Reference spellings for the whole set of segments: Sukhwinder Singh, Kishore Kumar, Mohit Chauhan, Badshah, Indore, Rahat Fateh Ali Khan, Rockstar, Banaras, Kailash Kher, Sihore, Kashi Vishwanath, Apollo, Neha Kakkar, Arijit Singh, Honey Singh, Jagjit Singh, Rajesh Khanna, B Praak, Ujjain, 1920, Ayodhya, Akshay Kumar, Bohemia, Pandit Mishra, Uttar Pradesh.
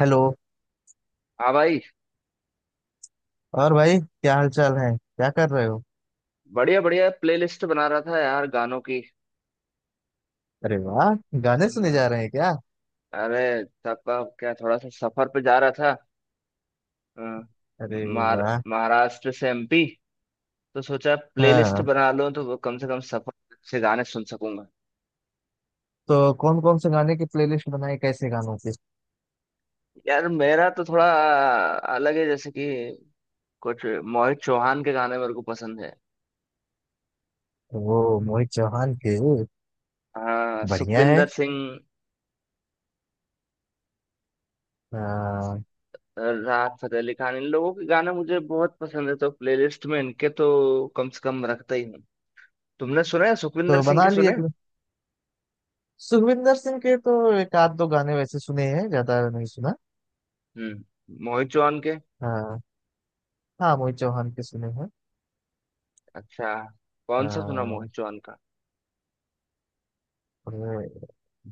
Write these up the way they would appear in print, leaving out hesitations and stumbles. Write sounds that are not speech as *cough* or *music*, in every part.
Hello. हाँ भाई। और भाई क्या हाल चाल है, क्या कर रहे हो? बढ़िया बढ़िया प्लेलिस्ट बना रहा था यार गानों की। अरे वाह, गाने सुने हम्म, जा रहे हैं क्या? अरे सबका क्या थोड़ा सा सफर पे जा रहा था। हम्म, अरे महार- वाह। महाराष्ट्र से एमपी तो सोचा प्लेलिस्ट हाँ, बना लूं तो वो कम से कम सफर से गाने सुन सकूंगा। तो कौन कौन से गाने की प्लेलिस्ट बनाई, कैसे गानों की? यार मेरा तो थोड़ा अलग है, जैसे कि कुछ मोहित चौहान के गाने मेरे को पसंद है। वो मोहित चौहान के। हाँ, बढ़िया है। सुखविंदर सिंह, हाँ, राहत फतेह अली खान इन लोगों के गाने मुझे बहुत पसंद है, तो प्लेलिस्ट में इनके तो कम से कम रखता ही हूँ। तुमने सुने सुखविंदर तो सिंह के सुने? सुखविंदर सिंह के तो एक आध दो गाने वैसे सुने हैं, ज्यादा नहीं सुना। मोहित चौहान के। हाँ। हाँ, मोहित चौहान के सुने हैं। अच्छा, कौन सा सुना हाँ, मोहित चौहान का? और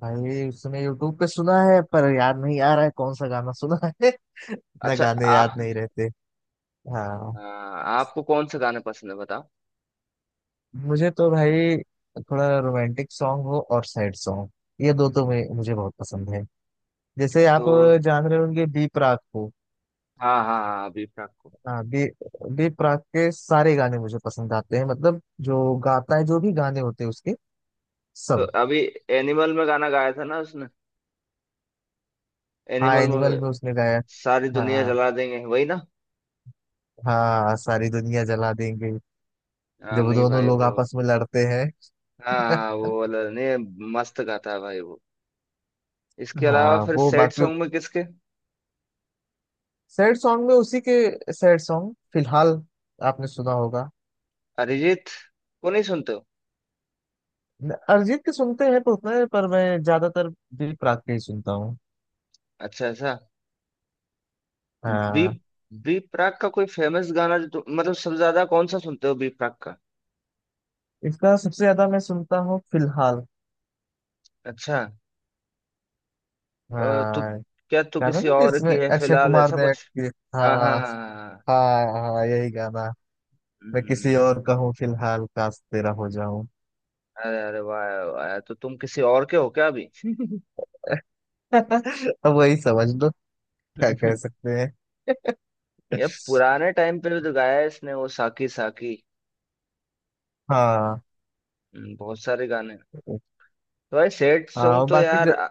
भाई उसने यूट्यूब पे सुना है पर याद नहीं आ रहा है कौन सा गाना सुना है। *laughs* ना, अच्छा। गाने याद आप। नहीं रहते। हाँ, आपको कौन से गाने पसंद है बताओ? मुझे तो भाई थोड़ा रोमांटिक सॉन्ग हो और सैड सॉन्ग, ये दो तो मैं मुझे बहुत पसंद है। जैसे आप तो जान रहे होंगे बी प्राक को। हाँ हाँ हाँ, अभी प्राक को। हाँ, बी बी प्राक के सारे गाने मुझे पसंद आते हैं। मतलब जो गाता है, जो भी गाने होते हैं उसके, तो सब। अभी एनिमल में गाना गाया था ना उसने, हाँ, एनिमल में। एनिमल में उसने गाया। सारी दुनिया हाँ जला देंगे वही ना। हाँ, सारी दुनिया जला देंगे। हाँ जब वो नहीं दोनों भाई लोग वो। आपस में लड़ते हाँ हाँ, हैं। *laughs* वो वाला नहीं। मस्त गाता है भाई वो। इसके अलावा हाँ, फिर वो सैड बाकी सॉन्ग में किसके? सैड सॉन्ग में उसी के सैड सॉन्ग फिलहाल आपने सुना होगा। अरिजीत को नहीं सुनते हो? अरिजीत के सुनते हैं तो उतने पर मैं ज्यादातर दिल प्राग के ही सुनता हूँ। अच्छा, ऐसा। बी हाँ, बी प्राक का कोई फेमस गाना जो मतलब सबसे ज्यादा कौन सा सुनते हो बी प्राक का? इसका सबसे ज्यादा मैं सुनता हूँ फिलहाल। अच्छा। तू हाँ, क्या तू गाना किसी ना और जिसमें की है अक्षय फिलहाल कुमार ऐसा ने act कुछ? किया। हाँ हाँ हाँ हाँ हाँ, हाँ। हाँ, हाँ यही गाना। मैं किसी हम्म, और का हूँ फिलहाल, काश तेरा हो जाऊं। अरे अरे वाह वाह, तो तुम किसी और के हो क्या अभी? *laughs* अब वही समझ लो, क्या कह *laughs* सकते हैं। *laughs* ये पुराने टाइम पे भी तो गाया है इसने वो साकी साकी। हाँ। बहुत सारे गाने। तो भाई सैड हाँ सॉन्ग और तो बाकी यार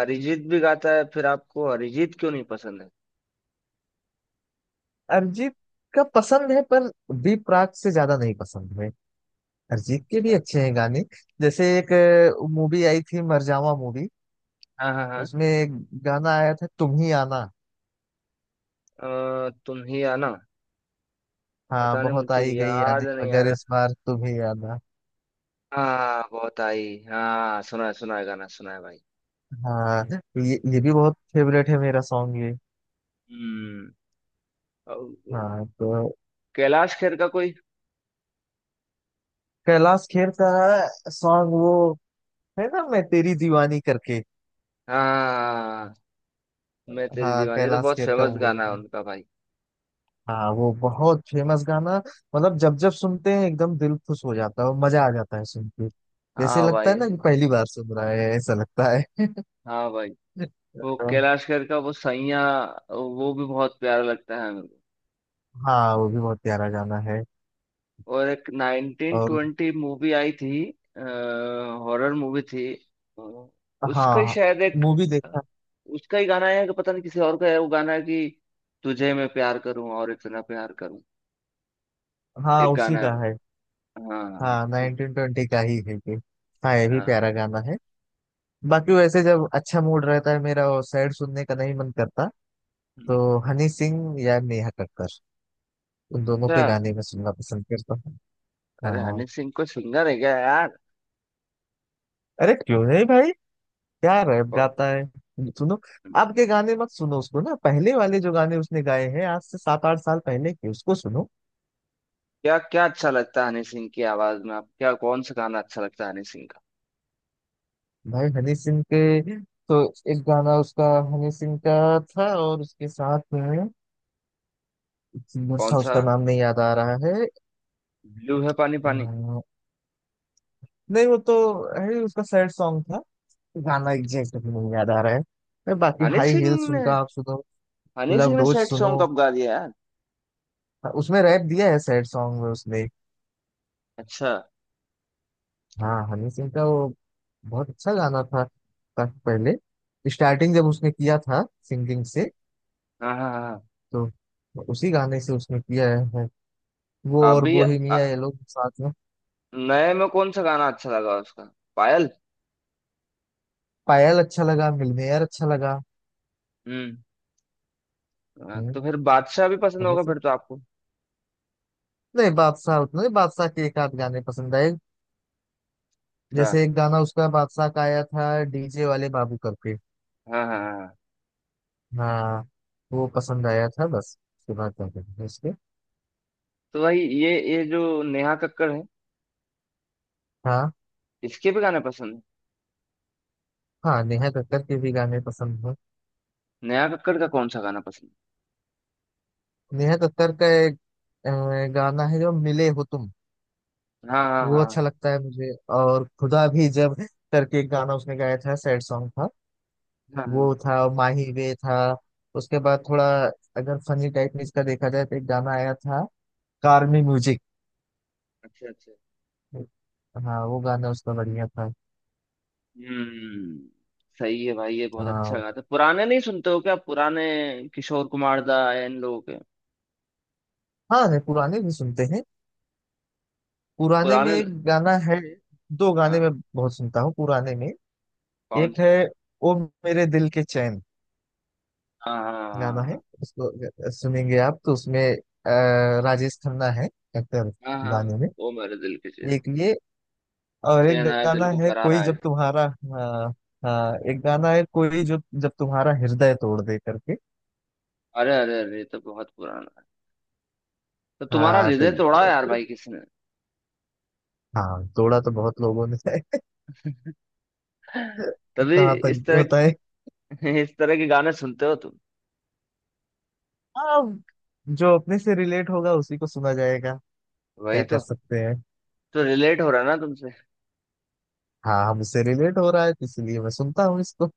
अरिजीत भी गाता है, फिर आपको अरिजीत क्यों नहीं पसंद है? अरिजीत का पसंद है पर बी प्राक से ज्यादा नहीं पसंद है। अरिजीत के भी अच्छा, अच्छे हैं गाने। जैसे एक मूवी आई थी, मरजावा मूवी। हाँ हाँ हाँ। उसमें एक गाना आया था, तुम ही आना। तुम ही आना। हाँ पता नहीं, बहुत मुझे आई गई याद यादें नहीं आ मगर इस रहा। बार तुम ही आना। हाँ बहुत आई, हाँ सुना है, सुना है गाना, सुना है भाई। हाँ, ये भी बहुत फेवरेट है मेरा सॉन्ग ये। हम्म। और हाँ। तो कैलाश खेर का कोई? कैलाश खेर का सॉन्ग वो है ना, मैं तेरी दीवानी करके। हाँ, मैं तेरी हाँ दीवानी, ये तो कैलाश बहुत खेर का फेमस वो। गाना है उनका भाई। हाँ वो बहुत फेमस गाना। मतलब जब जब सुनते हैं एकदम दिल खुश हो जाता है और मजा आ जाता है सुन के। जैसे हाँ लगता भाई। है ना कि पहली बार सुन रहा है, ऐसा लगता है। हाँ भाई, वो *laughs* कैलाश खेर का वो सैया, वो भी बहुत प्यारा लगता है मेरे को। हाँ, वो भी बहुत प्यारा गाना है। और एक और 1920 मूवी आई थी, हॉरर मूवी थी। अ, उसका ही हाँ, शायद एक, मूवी देखा। उसका ही गाना है, कि पता नहीं किसी और का है वो गाना है कि तुझे मैं प्यार करूं और इतना प्यार करूं। हाँ एक उसी गाना। का है। हाँ हाँ, तो 1920 का ही है ये। हाँ, ये भी हाँ। प्यारा गाना है। बाकी वैसे जब अच्छा मूड रहता है मेरा और सैड सुनने का नहीं मन करता, हम्म। तो हनी सिंह या नेहा कक्कर, उन दोनों अच्छा। के गाने में सुनना पसंद करता हूँ। अरे हाँ। हनी सिंह को सिंगर है क्या यार? अरे क्यों नहीं भाई, क्या रैप को- गाता है। सुनो, अब के गाने मत सुनो उसको, ना पहले वाले जो गाने उसने गाए हैं आज से 7-8 साल पहले के, उसको सुनो। क्या क्या अच्छा लगता है हनी सिंह की आवाज में आप? क्या कौन सा गाना अच्छा लगता है हनी सिंह का? भाई हनी सिंह के तो एक गाना उसका, हनी सिंह का था और उसके साथ में एक सिंगर कौन था, सा? उसका नाम नहीं याद आ रहा है। ब्लू है पानी पानी? अम, नहीं वो तो है उसका। सैड सॉन्ग था। गाना एग्जैक्ट भी नहीं याद आ रहा है। अरे बाकी हनी हाई सिंह हील्स ने, उनका आप सुनो। हनी सिंह लव ने डोज सैड सुनो, सॉन्ग कब गा दिया यार? उसमें रैप दिया है सैड सॉन्ग में उसने। अच्छा। हाँ हनी सिंह का वो बहुत अच्छा गाना था। काफी पहले, स्टार्टिंग जब उसने किया था सिंगिंग से, हाँ हाँ हाँ तो उसी गाने से उसने किया है। वो हाँ। और अभी बोहेमिया ये लोग साथ में। नए में कौन सा गाना अच्छा लगा उसका? पायल? पायल अच्छा लगा, मिलनेयर अच्छा लगा। हम्म। हाँ, हम्म, तो फिर बादशाह भी पसंद हनी होगा सिंह। फिर तो आपको? नहीं, बादशाह उतना नहीं। बादशाह के एक आध गाने पसंद आए। अच्छा, जैसे एक गाना उसका बादशाह का आया था, डीजे वाले बाबू करके। हाँ हाँ हाँ हाँ। हाँ वो पसंद आया था, बस उसके बाद क्या करेंगे उसके। तो वही ये जो नेहा कक्कड़ है, हाँ। इसके भी गाने पसंद है? हाँ नेहा कक्कर के भी गाने पसंद हैं। नया कक्कड़ का कौन सा गाना पसंद? नेहा कक्कड़ का एक अ, गाना है, जो मिले हो तुम। हाँ हाँ वो अच्छा हाँ लगता है मुझे। और खुदा भी जब करके एक गाना उसने गाया था, सैड सॉन्ग था। हाँ वो हाँ, था, और माही वे था। उसके बाद थोड़ा अगर फनी टाइप में इसका देखा जाए तो एक गाना आया था, कार में म्यूजिक। अच्छा अच्छा। हाँ वो गाना उसका बढ़िया था। हम्म। सही है भाई, ये बहुत अच्छा हाँ। गाना था। पुराने नहीं सुनते हो क्या, पुराने किशोर कुमार दा या इन लोगों के? हाँ नहीं, पुराने भी सुनते हैं। पुराने में पुराने। एक गाना है, दो गाने हाँ, मैं बहुत सुनता हूँ पुराने में। कौन एक से? है ओ मेरे दिल के चैन हाँ हाँ गाना है। हाँ उसको अगर सुनेंगे आप तो उसमें अ, राजेश खन्ना है, एक्टर। हाँ हाँ, हाँ, गाने में वो मेरे दिल के चैन। एक ये, और एक चैन आया गाना दिल को है, कोई करारा है। जब तुम्हारा। हाँ। हाँ, हाँ। एक गाना है, कोई जो जब तुम्हारा हृदय तोड़ दे करके। अरे अरे अरे ये तो बहुत पुराना है। तो तुम्हारा हाँ हृदय तोड़ा यार भाई किसने? हाँ तोड़ा तो बहुत लोगों ने है। *laughs* तभी कहाँ इस तक होता है। तरह *laughs* इस तरह के गाने सुनते हो तुम। हाँ, जो अपने से रिलेट होगा उसी को सुना जाएगा। वही क्या कर तो। सकते हैं। तो रिलेट हो रहा है ना तुमसे? हाँ हमसे रिलेट हो रहा है, तो इसलिए मैं सुनता हूँ इसको।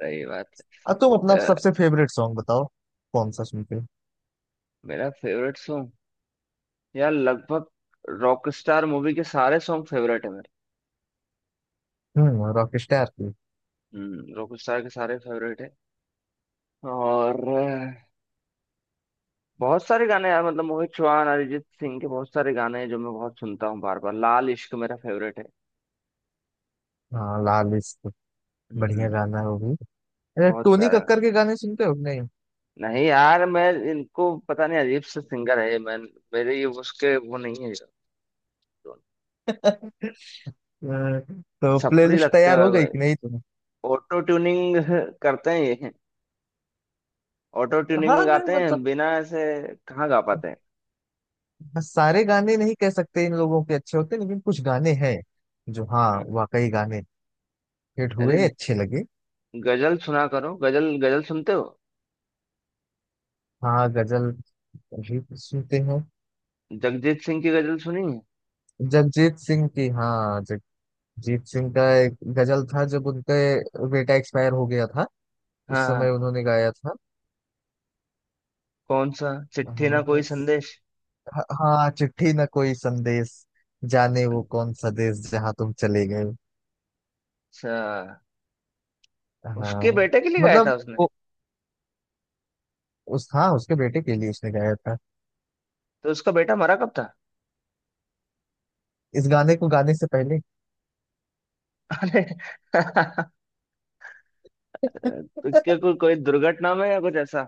सही बात अब तुम है। अपना सबसे फेवरेट सॉन्ग बताओ, कौन सा सुनते हो। मेरा फेवरेट सॉन्ग यार, लगभग रॉकस्टार मूवी के सारे सॉन्ग फेवरेट है मेरे। हम्म, रॉकस्टार की। रॉकस्टार के सारे फेवरेट है। और बहुत सारे गाने यार, मतलब मोहित चौहान, अरिजीत सिंह के बहुत सारे गाने हैं जो मैं बहुत सुनता हूँ बार बार। लाल इश्क मेरा फेवरेट है। हाँ लाल इश्क, बढ़िया हम्म। गाना है वो भी। अरे बहुत टोनी प्यारा गाना। कक्कर के गाने सुनते हो कि नहीं? नहीं यार, मैं इनको पता नहीं, अजीब से सिंगर है ये, मैं, मेरे ये उसके वो नहीं है। अ, तो छपरी प्लेलिस्ट लगते तैयार हो हैं गई भाई। कि नहीं तुम्हें? ऑटो ट्यूनिंग करते हैं ये, ऑटो ट्यूनिंग हाँ में नहीं गाते मतलब हैं, बिना ऐसे कहाँ गा पाते हैं। सारे गाने नहीं कह सकते इन लोगों के अच्छे होते, लेकिन कुछ गाने हैं जो, हाँ हाँ। वाकई गाने हिट हुए, अरे अच्छे लगे। गजल सुना करो, गजल। गजल सुनते हो? हाँ गजल भी सुनते हैं। जगजीत सिंह की गजल सुनी है? जगजीत सिंह की, हाँ जगजीत सिंह का एक गजल था, जब उनका बेटा एक्सपायर हो गया था उस समय हाँ। उन्होंने गाया था। कौन सा? चिट्ठी ना हाँ, कोई संदेश? हाँ चिट्ठी न कोई संदेश, जाने वो कौन सा देश, जहाँ तुम चले गए। अच्छा। उसके हाँ। बेटे के लिए गाया मतलब था उसने? वो उस, हाँ उसके बेटे के लिए उसने गाया था। तो उसका बेटा मरा कब था? इस गाने को गाने से पहले। *laughs* अरे *laughs* तो क्या कोई, कोई दुर्घटना में या कुछ ऐसा?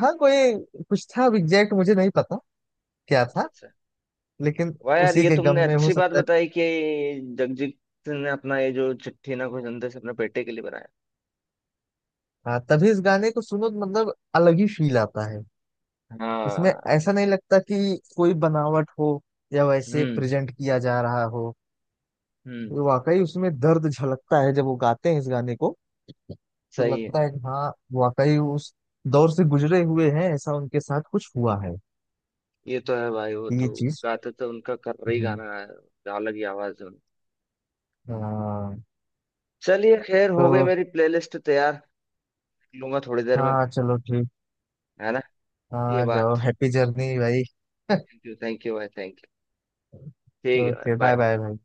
हाँ कोई कुछ था, अब एग्जैक्ट मुझे नहीं पता क्या अच्छा था। अच्छा। लेकिन वाह यार, उसी ये के गम तुमने में हो अच्छी बात सकता है। बताई कि जगजीत सिंह ने अपना ये जो चिट्ठी ना कोई संदेश अपने बेटे के लिए बनाया। हाँ, तभी इस गाने को सुनो तो मतलब अलग ही फील आता है। इसमें हाँ। ऐसा नहीं लगता कि कोई बनावट हो या वैसे हम्म। प्रेजेंट किया जा रहा हो। हम्म। वाकई उसमें दर्द झलकता है जब वो गाते हैं इस गाने को। तो सही है। लगता है कि हाँ, वाकई उस दौर से गुजरे हुए हैं, ऐसा उनके साथ कुछ हुआ है, ये तो है भाई, वो तो ये चीज। गाते तो उनका कर्री हम्म, गाना है। अलग ही आवाज है उनकी। हाँ। चलिए खैर, हो गई तो मेरी प्लेलिस्ट तैयार। लूंगा थोड़ी देर में। हाँ चलो ठीक। है ना। ये हाँ जाओ, बात। हैप्पी जर्नी भाई। *laughs* थैंक यू, थैंक यू भाई, थैंक यू। ठीक है ओके, भाई बाय bye। बाय भाई।